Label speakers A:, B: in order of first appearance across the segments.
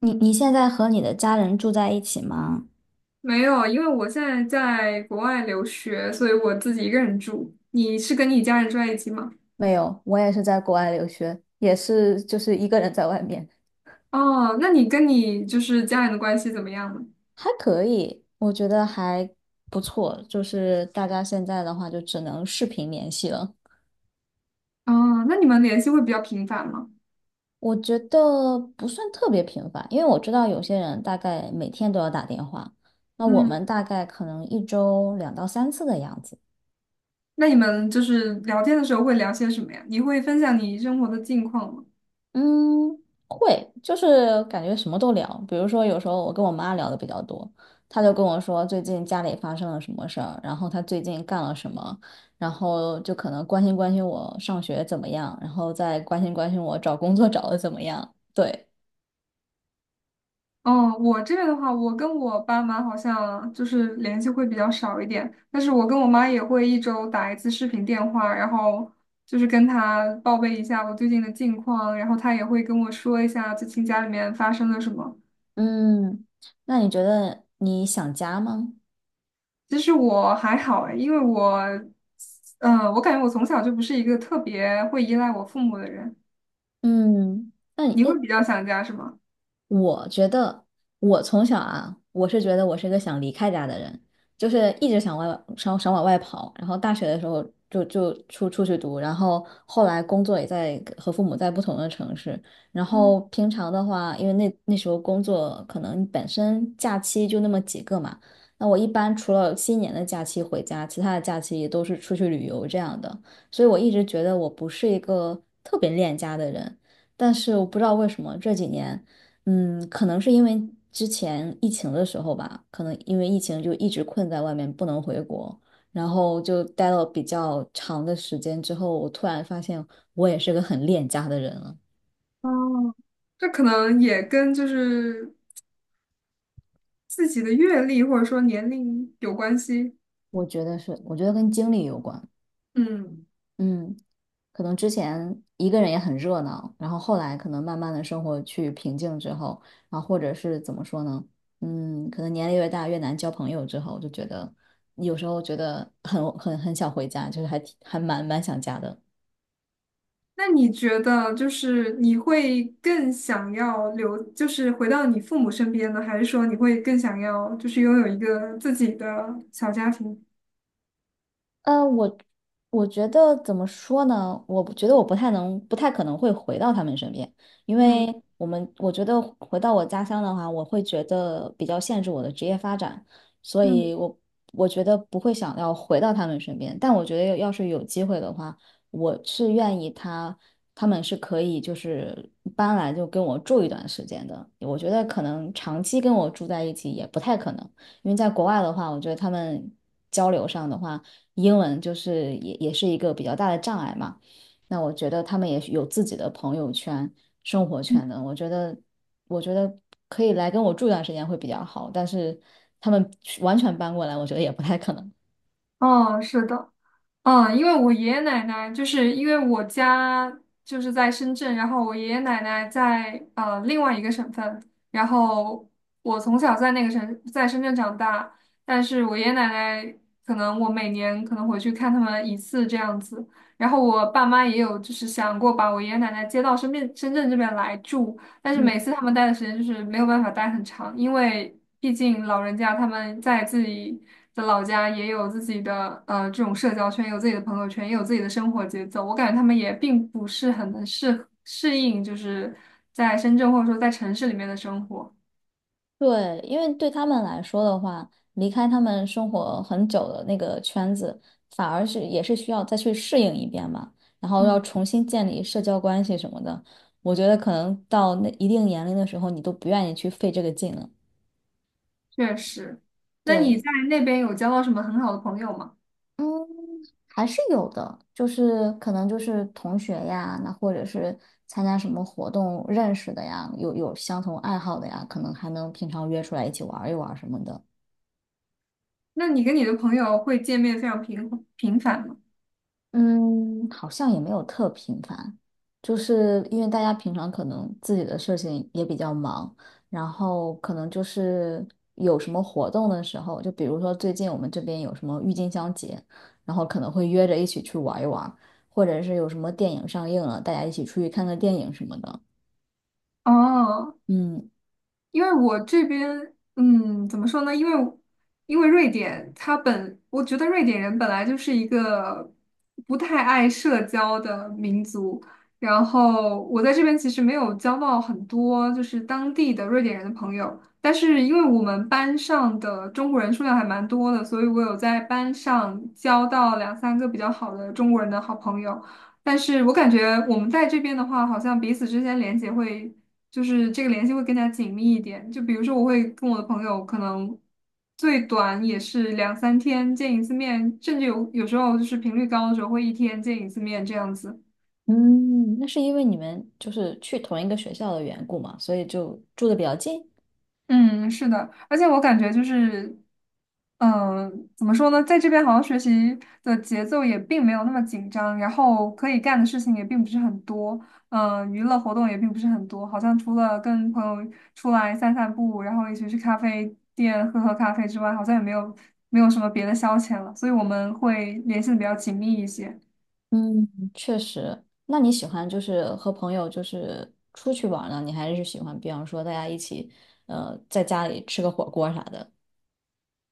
A: 你现在和你的家人住在一起吗？
B: 没有，因为我现在在国外留学，所以我自己一个人住。你是跟你家人住在一起吗？
A: 没有，我也是在国外留学，也是就是一个人在外面。
B: 哦，那你跟你家人的关系怎么样呢？
A: 还可以，我觉得还不错。就是大家现在的话，就只能视频联系了。
B: 哦，那你们联系会比较频繁吗？
A: 我觉得不算特别频繁，因为我知道有些人大概每天都要打电话，那我
B: 嗯，
A: 们大概可能一周两到三次的样子。
B: 那你们就是聊天的时候会聊些什么呀？你会分享你生活的近况吗？
A: 嗯，会，就是感觉什么都聊。比如说，有时候我跟我妈聊的比较多，她就跟我说最近家里发生了什么事儿，然后她最近干了什么，然后就可能关心关心我上学怎么样，然后再关心关心我找工作找的怎么样。对。
B: 嗯，我这边的话，我跟我爸妈好像就是联系会比较少一点，但是我跟我妈也会一周打一次视频电话，然后就是跟她报备一下我最近的近况，然后她也会跟我说一下最近家里面发生了什么。
A: 嗯，那你觉得你想家吗？
B: 其实我还好诶，因为我，嗯、我感觉我从小就不是一个特别会依赖我父母的人。
A: 嗯，
B: 你会比较想家是吗？
A: 我觉得我从小啊，我是觉得我是一个想离开家的人，就是一直想往外跑。然后大学的时候就出去读，然后后来工作也在和父母在不同的城市。然
B: 嗯，
A: 后平常的话，因为那时候工作可能本身假期就那么几个嘛，那我一般除了新年的假期回家，其他的假期都是出去旅游这样的。所以我一直觉得我不是一个特别恋家的人。但是我不知道为什么这几年。可能是因为之前疫情的时候吧，可能因为疫情就一直困在外面，不能回国，然后就待了比较长的时间之后，我突然发现我也是个很恋家的人了。
B: 哦，这可能也跟就是自己的阅历或者说年龄有关系。
A: 我觉得是，我觉得跟经历有关。
B: 嗯，
A: 嗯。可能之前一个人也很热闹，然后后来可能慢慢的生活去平静之后，然后或者是怎么说呢？可能年龄越大越难交朋友之后，就觉得有时候觉得很想回家，就是还蛮想家的。
B: 那你觉得就是你会更想要留，就是回到你父母身边呢，还是说你会更想要就是拥有一个自己的小家庭？
A: 呃，我我觉得怎么说呢？我不觉得我不太能，不太可能会回到他们身边，因
B: 嗯，
A: 为我觉得回到我家乡的话，我会觉得比较限制我的职业发展，所
B: 嗯，
A: 以我觉得不会想要回到他们身边。但我觉得要是有机会的话，我是愿意他们是可以就是搬来就跟我住一段时间的。我觉得可能长期跟我住在一起也不太可能，因为在国外的话，我觉得他们交流上的话。英文就是也是一个比较大的障碍嘛。那我觉得他们也是有自己的朋友圈、生活圈的，我觉得可以来跟我住一段时间会比较好，但是他们完全搬过来，我觉得也不太可能。
B: 哦，是的，嗯，因为我爷爷奶奶就是因为我家就是在深圳，然后我爷爷奶奶在另外一个省份，然后我从小在那个省在深圳长大，但是我爷爷奶奶可能我每年可能回去看他们一次这样子，然后我爸妈也有就是想过把我爷爷奶奶接到深圳这边来住，但是每
A: 嗯，
B: 次他们待的时间就是没有办法待很长，因为毕竟老人家他们在自己的老家也有自己的这种社交圈，有自己的朋友圈，也有自己的生活节奏。我感觉他们也并不是很能适应，就是在深圳或者说在城市里面的生活。
A: 对，因为对他们来说的话，离开他们生活很久的那个圈子，反而是也是需要再去适应一遍嘛，然后要
B: 嗯，
A: 重新建立社交关系什么的。我觉得可能到那一定年龄的时候，你都不愿意去费这个劲了。
B: 确实，那你在
A: 对。
B: 那边有交到什么很好的朋友吗？
A: 嗯，还是有的，就是可能就是同学呀，那或者是参加什么活动认识的呀，有相同爱好的呀，可能还能平常约出来一起玩儿一玩儿什么的。
B: 那你跟你的朋友会见面非常频繁吗？
A: 嗯，好像也没有特频繁，就是因为大家平常可能自己的事情也比较忙，然后可能就是有什么活动的时候，就比如说最近我们这边有什么郁金香节，然后可能会约着一起去玩一玩，或者是有什么电影上映了，大家一起出去看个电影什么的。
B: 哦，
A: 嗯
B: 因为我这边，嗯，怎么说呢？因为瑞典，它本我觉得瑞典人本来就是一个不太爱社交的民族，然后我在这边其实没有交到很多就是当地的瑞典人的朋友，但是因为我们班上的中国人数量还蛮多的，所以我有在班上交到两三个比较好的中国人的好朋友，但是我感觉我们在这边的话，好像彼此之间连接会。就是这个联系会更加紧密一点。就比如说，我会跟我的朋友可能最短也是两三天见一次面，甚至有时候就是频率高的时候会一天见一次面这样子。
A: 嗯，那是因为你们就是去同一个学校的缘故嘛，所以就住的比较近。
B: 嗯，是的，而且我感觉就是，嗯，怎么说呢，在这边好像学习的节奏也并没有那么紧张，然后可以干的事情也并不是很多，嗯，娱乐活动也并不是很多，好像除了跟朋友出来散散步，然后一起去咖啡店喝喝咖啡之外，好像也没有什么别的消遣了，所以我们会联系的比较紧密一些。
A: 嗯，确实。那你喜欢就是和朋友就是出去玩儿呢？你还是喜欢，比方说大家一起，在家里吃个火锅啥的？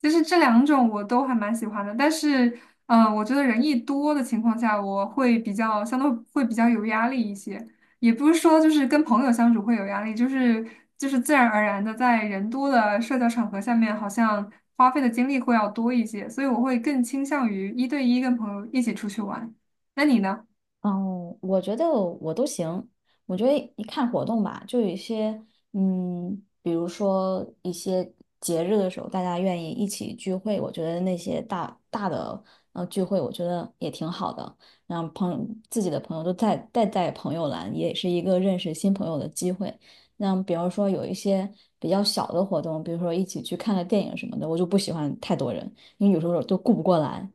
B: 其实这两种我都还蛮喜欢的，但是，我觉得人一多的情况下，我会比较相对会比较有压力一些。也不是说就是跟朋友相处会有压力，就是自然而然的在人多的社交场合下面，好像花费的精力会要多一些，所以我会更倾向于一对一跟朋友一起出去玩。那你呢？
A: 哦，我觉得我都行。我觉得一看活动吧，就有一些，比如说一些节日的时候，大家愿意一起聚会，我觉得那些大大的聚会，我觉得也挺好的。让自己的朋友都带朋友来，也是一个认识新朋友的机会。那比如说有一些比较小的活动，比如说一起去看个电影什么的，我就不喜欢太多人，因为有时候都顾不过来。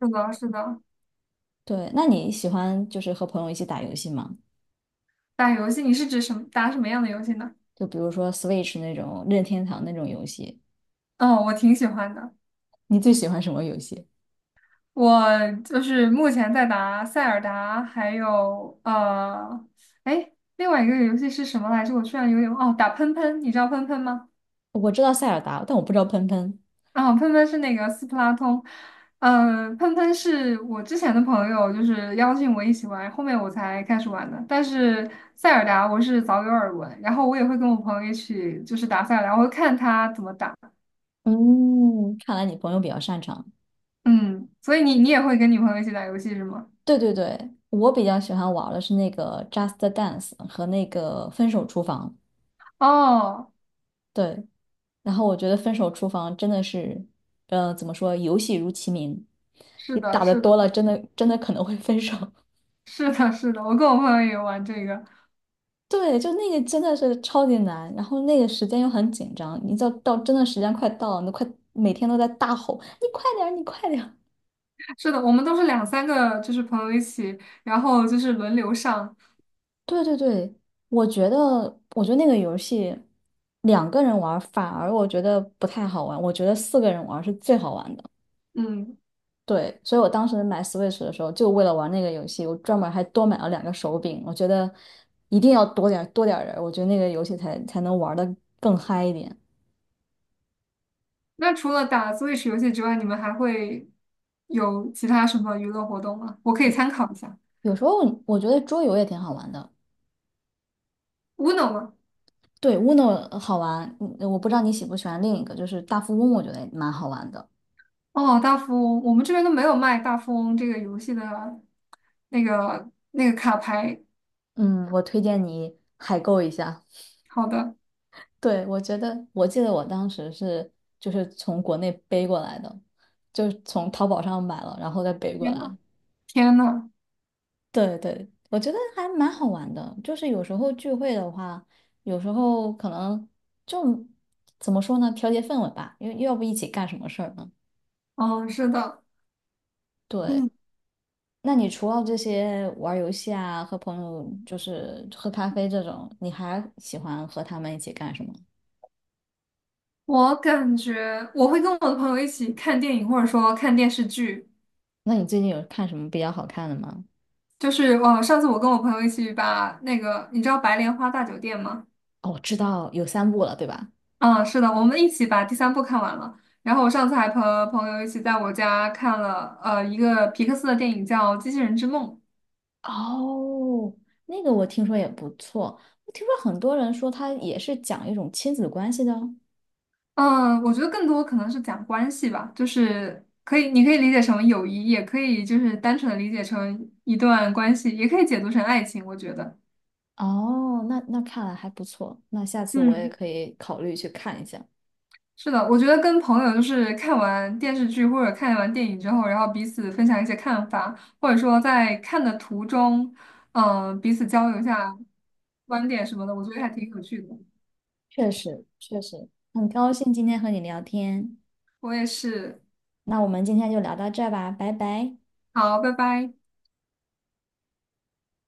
B: 是的，是的，
A: 对。那你喜欢就是和朋友一起打游戏吗？
B: 打游戏，你是指什么，打什么样的游戏呢？
A: 就比如说 Switch 那种任天堂那种游戏，
B: 嗯，我挺喜欢的。
A: 你最喜欢什么游戏？
B: 我就是目前在打塞尔达，还有哎，另外一个游戏是什么来着？我突然有点哦，打喷喷，你知道喷喷吗？
A: 我知道塞尔达，但我不知道喷喷。
B: 喷喷是那个斯普拉通，喷喷是我之前的朋友就是邀请我一起玩，后面我才开始玩的。但是塞尔达我是早有耳闻，然后我也会跟我朋友一起就是打塞尔达，我会看他怎么打。
A: 嗯，看来你朋友比较擅长。
B: 嗯，所以你也会跟你朋友一起打游戏是吗？
A: 对对对，我比较喜欢玩的是那个 Just Dance 和那个分手厨房。
B: 哦，
A: 对，然后我觉得分手厨房真的是，怎么说，游戏如其名，
B: 是
A: 你
B: 的，
A: 打的
B: 是的。
A: 多了，真的真的可能会分手。
B: 是的，是的，我跟我朋友也玩这个。
A: 对，就那个真的是超级难，然后那个时间又很紧张，你真的时间快到了，你都快每天都在大吼，你快点儿，你快点儿。
B: 是的，我们都是两三个，就是朋友一起，然后就是轮流上。
A: 对对对，我觉得，我觉得那个游戏两个人玩儿反而我觉得不太好玩，我觉得四个人玩儿是最好玩的。
B: 嗯，
A: 对，所以我当时买 Switch 的时候，就为了玩那个游戏，我专门还多买了两个手柄。我觉得一定要多点儿人儿我觉得那个游戏才能玩的更嗨一点。
B: 那除了打 Switch 游戏之外，你们还会有其他什么娱乐活动吗？我可以参考一下。
A: 有时候我觉得桌游也挺好玩的。
B: Uno 吗？
A: 对，Uno 好玩，我不知道你喜不喜欢另一个，就是大富翁，我觉得蛮好玩的。
B: 哦，大富翁，我们这边都没有卖大富翁这个游戏的那个卡牌。
A: 嗯，我推荐你海购一下。
B: 好的，
A: 对，我记得我当时是就是从国内背过来的，就是从淘宝上买了，然后再背过
B: 天
A: 来。
B: 呐，天呐，
A: 对对，我觉得还蛮好玩的。就是有时候聚会的话，有时候可能就怎么说呢，调节氛围吧，因为要不一起干什么事儿呢？
B: 嗯，是的，
A: 对。
B: 嗯，
A: 那你除了这些玩儿游戏啊，和朋友就是喝咖啡这种，你还喜欢和他们一起干什么？
B: 我感觉我会跟我的朋友一起看电影，或者说看电视剧。
A: 那你最近有看什么比较好看的吗？
B: 就是我上次我跟我朋友一起把那个，你知道《白莲花大酒店》吗？
A: 哦，我知道有三部了，对吧？
B: 嗯，是的，我们一起把第三部看完了。然后我上次还和朋友一起在我家看了一个皮克斯的电影叫《机器人之梦》。
A: 哦，那个我听说也不错，我听说很多人说它也是讲一种亲子关系的哦。
B: 嗯，我觉得更多可能是讲关系吧，就是可以，你可以理解成友谊，也可以就是单纯的理解成一段关系，也可以解读成爱情，我觉得。
A: 哦，那看来还不错，那下次我也
B: 嗯。
A: 可以考虑去看一下。
B: 是的，我觉得跟朋友就是看完电视剧或者看完电影之后，然后彼此分享一些看法，或者说在看的途中，彼此交流一下观点什么的，我觉得还挺有趣的。
A: 确实，确实，很高兴今天和你聊天，
B: 我也是，
A: 那我们今天就聊到这儿吧，拜拜。
B: 好，拜拜。